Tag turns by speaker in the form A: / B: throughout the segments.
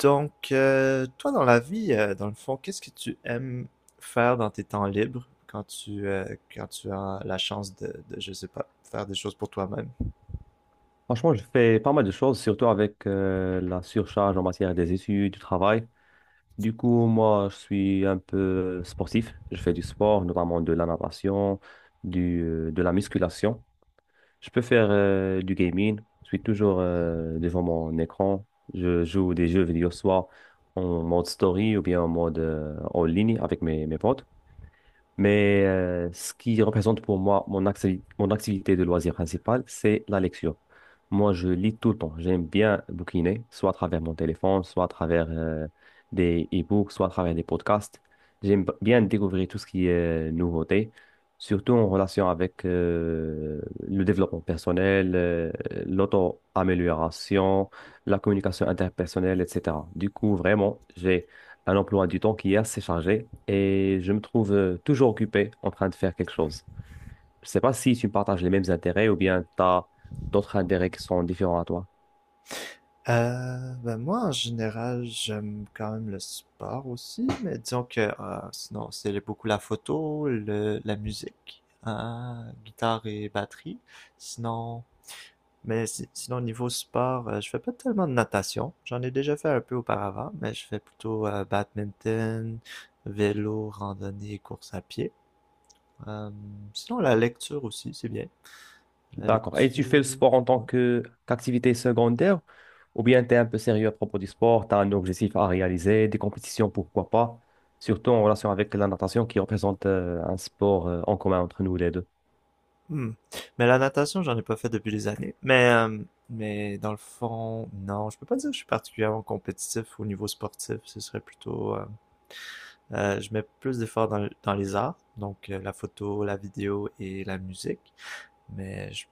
A: Donc, toi, dans la vie, dans le fond, qu'est-ce que tu aimes faire dans tes temps libres quand tu, quand tu as la chance de, je sais pas, faire des choses pour toi-même?
B: Franchement, je fais pas mal de choses, surtout avec la surcharge en matière des études, du travail. Du coup, moi, je suis un peu sportif. Je fais du sport, notamment de la natation, de la musculation. Je peux faire du gaming. Je suis toujours devant mon écran. Je joue des jeux vidéo, soit en mode story ou bien en mode en ligne avec mes potes. Ce qui représente pour moi mon activité de loisir principale, c'est la lecture. Moi, je lis tout le temps. J'aime bien bouquiner, soit à travers mon téléphone, soit à travers des e-books, soit à travers des podcasts. J'aime bien découvrir tout ce qui est nouveauté, surtout en relation avec le développement personnel, l'auto-amélioration, la communication interpersonnelle, etc. Du coup, vraiment, j'ai un emploi du temps qui est assez chargé et je me trouve toujours occupé en train de faire quelque chose. Je ne sais pas si tu partages les mêmes intérêts ou bien tu as d'autres intérêts qui sont différents à toi.
A: Ben moi, en général, j'aime quand même le sport aussi, mais disons que sinon, c'est beaucoup la photo, la musique, guitare et batterie. Sinon. Mais sinon, niveau sport, je fais pas tellement de natation. J'en ai déjà fait un peu auparavant, mais je fais plutôt badminton, vélo, randonnée, course à pied. Euh, Sinon, la lecture aussi, c'est bien. La
B: D'accord. Et
A: lecture.
B: tu fais le sport en tant
A: Ouais.
B: que qu'activité secondaire ou bien tu es un peu sérieux à propos du sport, tu as un objectif à réaliser, des compétitions, pourquoi pas, surtout en relation avec la natation qui représente un sport en commun entre nous les deux.
A: Hmm. Mais la natation, j'en ai pas fait depuis des années. Mais dans le fond, non, je peux pas dire que je suis particulièrement compétitif au niveau sportif. Ce serait plutôt, je mets plus d'efforts dans les arts, donc la photo, la vidéo et la musique. Mais je-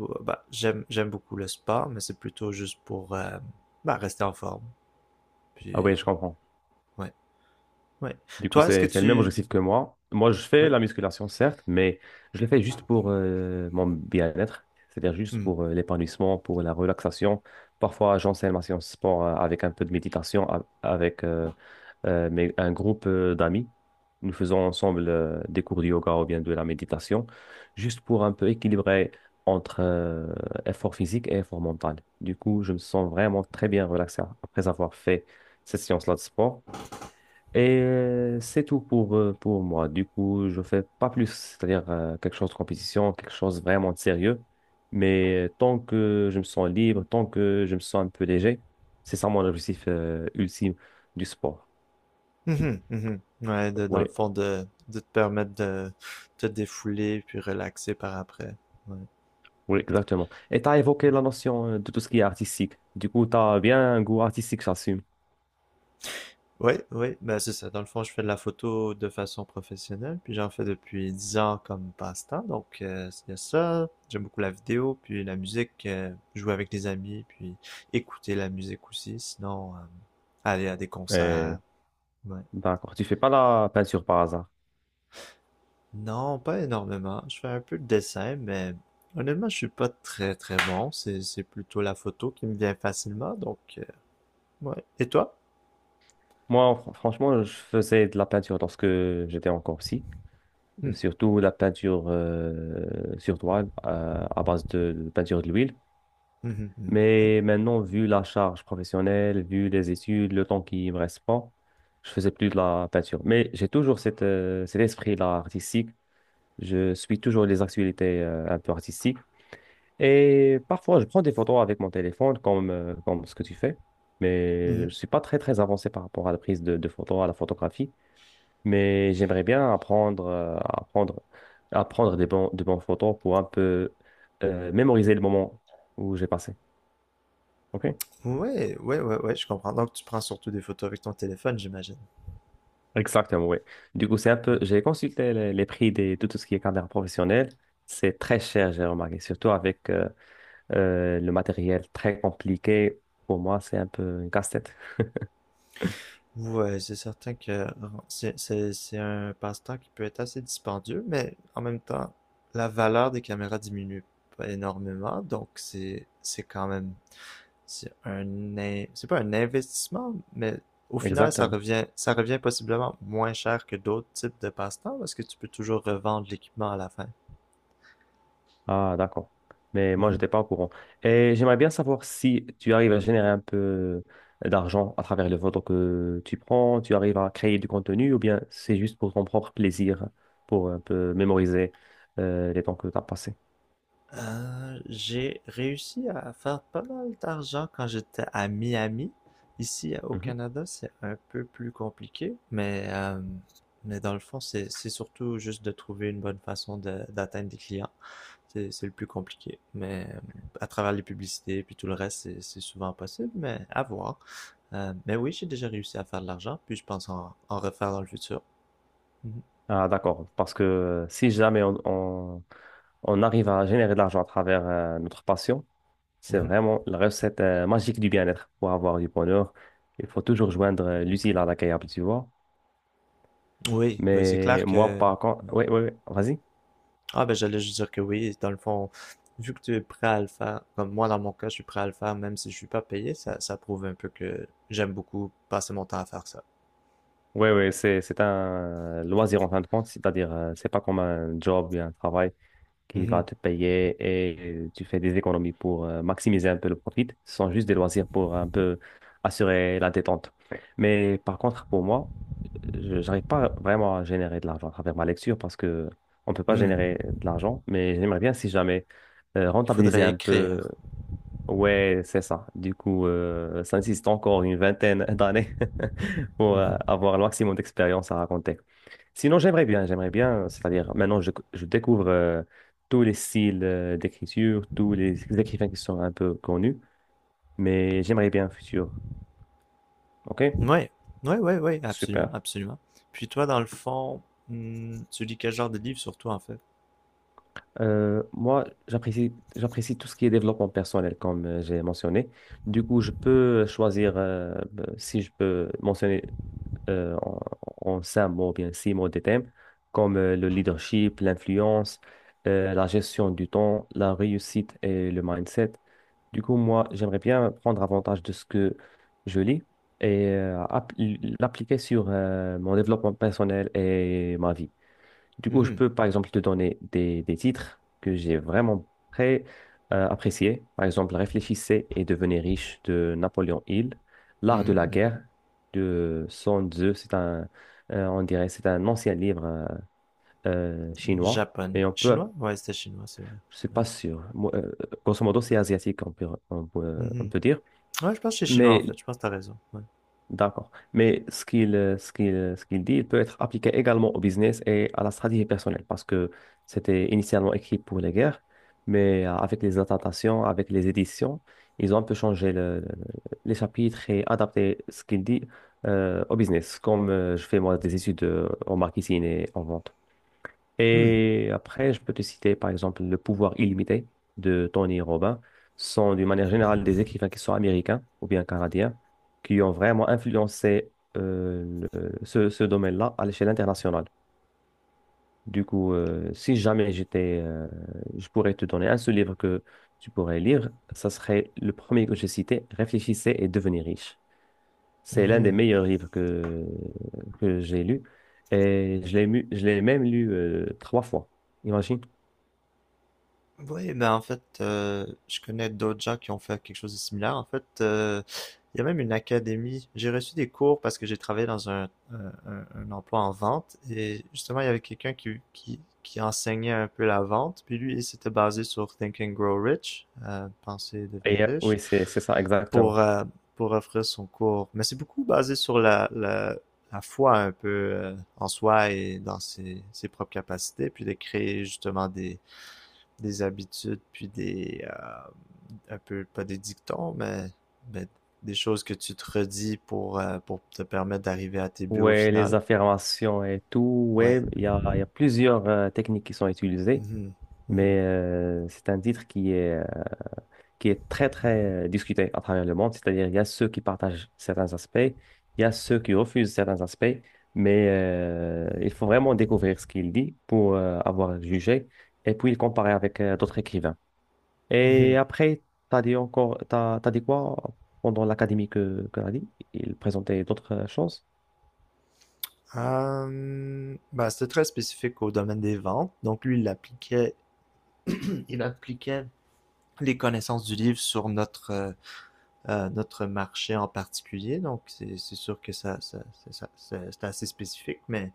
A: bah, j'aime beaucoup le sport, mais c'est plutôt juste pour bah, rester en forme.
B: Ah oui,
A: Puis,
B: je comprends.
A: ouais, ouais.
B: Du coup,
A: Toi, est-ce que
B: c'est le même
A: tu...
B: objectif que moi. Moi, je fais
A: Oui.
B: la musculation, certes, mais je le fais juste pour mon bien-être, c'est-à-dire juste
A: Hmm.
B: pour l'épanouissement, pour la relaxation. Parfois, j'enseigne ma séance sport avec un peu de méditation, avec un groupe d'amis. Nous faisons ensemble des cours de yoga ou bien de la méditation, juste pour un peu équilibrer entre effort physique et effort mental. Du coup, je me sens vraiment très bien relaxé après avoir fait cette séance-là de sport. C'est tout pour moi. Du coup, je fais pas plus, c'est-à-dire quelque chose de compétition, quelque chose vraiment de sérieux. Mais tant que je me sens libre, tant que je me sens un peu léger, c'est ça mon objectif ultime du sport.
A: Mhm, mhm. Ouais, dans
B: Oui,
A: le fond, de te permettre de te défouler puis relaxer par après. Ouais.
B: oui, exactement. Et tu as évoqué la notion de tout ce qui est artistique. Du coup, tu as bien un goût artistique, j'assume.
A: Oui, oui, ben c'est ça. Dans le fond, je fais de la photo de façon professionnelle, puis j'en fais depuis 10 ans comme passe-temps. Donc, c'est ça. J'aime beaucoup la vidéo, puis la musique, jouer avec des amis, puis écouter la musique aussi. Sinon, aller à des concerts.
B: Et
A: Ouais.
B: D'accord, tu fais pas la peinture par hasard.
A: Non, pas énormément. Je fais un peu de dessin, mais honnêtement, je suis pas très très bon. C'est plutôt la photo qui me vient facilement. Donc, ouais. Et toi?
B: Moi, franchement, je faisais de la peinture lorsque j'étais encore petit,
A: Hmm.
B: surtout la peinture sur toile à base de peinture de l'huile.
A: Mhm, mhm. Ouais.
B: Mais maintenant, vu la charge professionnelle, vu les études, le temps qui me reste pas, je faisais plus de la peinture. Mais j'ai toujours cette, cet esprit-là artistique. Je suis toujours les actualités un peu artistiques. Et parfois, je prends des photos avec mon téléphone, comme ce que tu fais.
A: Hum,
B: Mais
A: hum.
B: je suis pas très, très avancé par rapport à la prise de photos, à la photographie, mais j'aimerais bien apprendre, à prendre des bons, de bons photos pour un peu mémoriser le moment où j'ai passé. OK?
A: Ouais, ouais, ouais, ouais, je comprends. Donc, tu prends surtout des photos avec ton téléphone, j'imagine.
B: Exactement, oui. Du coup, c'est un peu, j'ai consulté les prix de tout ce qui est caméra professionnelle. C'est très cher, j'ai remarqué, surtout avec le matériel très compliqué. Pour moi, c'est un peu une casse-tête.
A: Ouais, c'est certain que c'est un passe-temps qui peut être assez dispendieux, mais en même temps, la valeur des caméras diminue pas énormément, donc c'est quand même c'est pas un investissement, mais au final, ça
B: Exactement.
A: revient ça revient possiblement moins cher que d'autres types de passe-temps parce que tu peux toujours revendre l'équipement à la fin.
B: Ah, d'accord. Mais moi, je n'étais pas au courant. Et j'aimerais bien savoir si tu arrives à générer un peu d'argent à travers les photos que tu prends, tu arrives à créer du contenu ou bien c'est juste pour ton propre plaisir, pour un peu mémoriser les temps que tu as passés.
A: J'ai réussi à faire pas mal d'argent quand j'étais à Miami. Ici, au
B: Mhm.
A: Canada, c'est un peu plus compliqué, mais dans le fond, c'est surtout juste de trouver une bonne façon d'atteindre des clients. C'est le plus compliqué. Mais à travers les publicités, puis tout le reste, c'est souvent possible, mais à voir. Mais oui, j'ai déjà réussi à faire de l'argent, puis je pense en refaire dans le futur. Mhm.
B: Ah, d'accord. Parce que si jamais on arrive à générer de l'argent à travers notre passion, c'est
A: Mhm.
B: vraiment la recette magique du bien-être. Pour avoir du bonheur, il faut toujours joindre l'utile à l'agréable, tu vois.
A: Oui, oui, c'est clair
B: Mais moi,
A: que.
B: par contre, oui, oui, oui, vas-y.
A: Ah, ben j'allais juste dire que oui, dans le fond, vu que tu es prêt à le faire, comme moi dans mon cas, je suis prêt à le faire même si je suis pas payé, ça prouve un peu que j'aime beaucoup passer mon temps à faire ça.
B: Oui, oui, c'est un loisir en fin de compte, c'est-à-dire, c'est pas comme un job ou un travail qui va
A: Mhm.
B: te payer et tu fais des économies pour maximiser un peu le profit. Ce sont juste des loisirs pour un peu assurer la détente. Mais par contre, pour moi, je n'arrive pas vraiment à générer de l'argent à travers ma lecture parce que on peut pas
A: Hmm.
B: générer de l'argent, mais j'aimerais bien, si jamais,
A: Il
B: rentabiliser
A: faudrait
B: un peu.
A: écrire.
B: Ouais, c'est ça. Du coup, ça nécessite encore une vingtaine d'années pour
A: Mhm.
B: avoir le maximum d'expérience à raconter. Sinon, j'aimerais bien, c'est-à-dire maintenant, je découvre tous les styles d'écriture, tous les écrivains qui sont un peu connus, mais j'aimerais bien un futur. OK?
A: Ouais, ouais, ouais, ouais, absolument,
B: Super.
A: absolument. Puis toi, dans le fond, tu lis quel genre de livre surtout en fait?
B: Moi, j'apprécie tout ce qui est développement personnel, comme j'ai mentionné. Du coup, je peux choisir, si je peux mentionner euh, en, en 5 mots, ou bien 6 mots de thèmes, comme le leadership, l'influence, la gestion du temps, la réussite et le mindset. Du coup, moi, j'aimerais bien prendre avantage de ce que je lis et l'appliquer sur mon développement personnel et ma vie. Du coup, je
A: Mhm.
B: peux, par exemple, te donner des titres que j'ai vraiment très appréciés. Par exemple, Réfléchissez et devenez riche de Napoléon Hill, L'art de la
A: Mhm,
B: guerre de Sun Tzu. On dirait, c'est un ancien livre
A: mhm.
B: chinois.
A: Japonais.
B: Mais
A: Chinois? Ouais, c'était chinois, c'est vrai.
B: je ne suis
A: Ouais.
B: pas sûr. Moi, grosso modo, c'est asiatique, on
A: Mhm.
B: peut dire.
A: Ouais, je pense que c'est chinois en
B: Mais
A: fait, je pense que t'as raison. Ouais.
B: D'accord. Mais ce qu'il ce qu'il, ce qu'il dit, il peut être appliqué également au business et à la stratégie personnelle parce que c'était initialement écrit pour les guerres, mais avec les adaptations, avec les éditions, ils ont un peu changé les chapitres et adapté ce qu'il dit au business, comme je fais moi des études en marketing et en vente.
A: Hmm.
B: Et après, je peux te citer par exemple Le pouvoir illimité de Tony Robbins. Ce sont d'une manière générale des écrivains qui sont américains ou bien canadiens qui ont vraiment influencé ce domaine-là à l'échelle internationale. Du coup, si jamais je pourrais te donner un seul livre que tu pourrais lire, ça serait le premier que j'ai cité, Réfléchissez et devenez riche. C'est l'un des
A: Mhm.
B: meilleurs livres que j'ai lu et je l'ai même lu 3 fois. Imagine.
A: Oui, ben en fait, je connais d'autres gens qui ont fait quelque chose de similaire. En fait, il y a même une académie. J'ai reçu des cours parce que j'ai travaillé dans un emploi en vente et justement, il y avait quelqu'un qui enseignait un peu la vente. Puis lui, il s'était basé sur Think and Grow Rich, penser et devenir
B: Et,
A: riche,
B: oui, c'est ça, exactement.
A: pour, euh, pour offrir son cours. Mais c'est beaucoup basé sur la foi un peu en soi et dans ses propres capacités, puis de créer justement des habitudes, puis un peu, pas des dictons, mais des choses que tu te redis pour te permettre d'arriver à tes buts au
B: Ouais, les
A: final.
B: affirmations et tout,
A: Ouais.
B: ouais, il y a plusieurs techniques qui sont utilisées,
A: Mhm.
B: mais
A: Mhm.
B: c'est un titre qui est très, très discuté à travers le monde. C'est-à-dire, il y a ceux qui partagent certains aspects, il y a ceux qui refusent certains aspects, mais il faut vraiment découvrir ce qu'il dit pour avoir jugé et puis le comparer avec d'autres écrivains. Et
A: Mhm.
B: après, t'as dit quoi pendant l'académie que t'as dit? Il présentait d'autres choses?
A: Ben, c'était très spécifique au domaine des ventes. Donc lui, il appliquait les connaissances du livre sur notre marché en particulier. Donc c'est sûr que c'est ça- c'est assez spécifique, mais.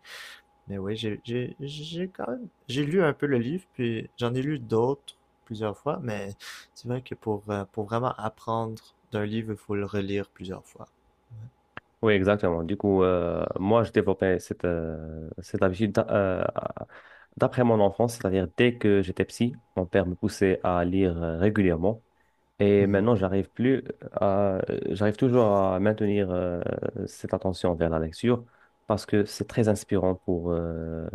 A: Mais oui, j'ai quand même... J'ai lu un peu le livre, puis j'en ai lu d'autres plusieurs fois, mais c'est vrai que pour vraiment apprendre d'un livre, il faut le relire plusieurs fois.
B: Oui, exactement. Du coup, moi, je développais cette, cette habitude d'après mon enfance, c'est-à-dire dès que j'étais petit, mon père me poussait à lire régulièrement. Et
A: Mhm.
B: maintenant, j'arrive toujours à maintenir cette attention vers la lecture parce que c'est très inspirant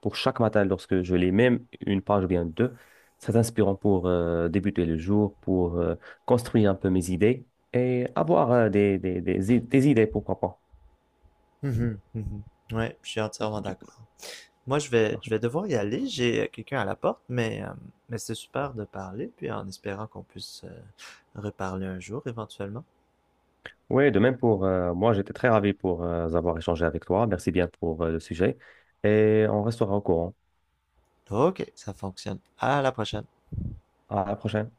B: pour chaque matin lorsque je lis même une page ou bien deux. C'est inspirant pour débuter le jour, pour construire un peu mes idées et avoir des idées, pourquoi pas.
A: Mhm. Mhm. Ouais, je suis entièrement
B: Du-
A: d'accord. Moi, je vais devoir y aller. J'ai quelqu'un à la porte, mais c'est super de parler, puis en espérant qu'on puisse reparler un jour éventuellement.
B: Oui, de même pour moi, j'étais très ravi pour avoir échangé avec toi. Merci bien pour le sujet et on restera au courant.
A: Ok, ça fonctionne. À la prochaine.
B: À la prochaine.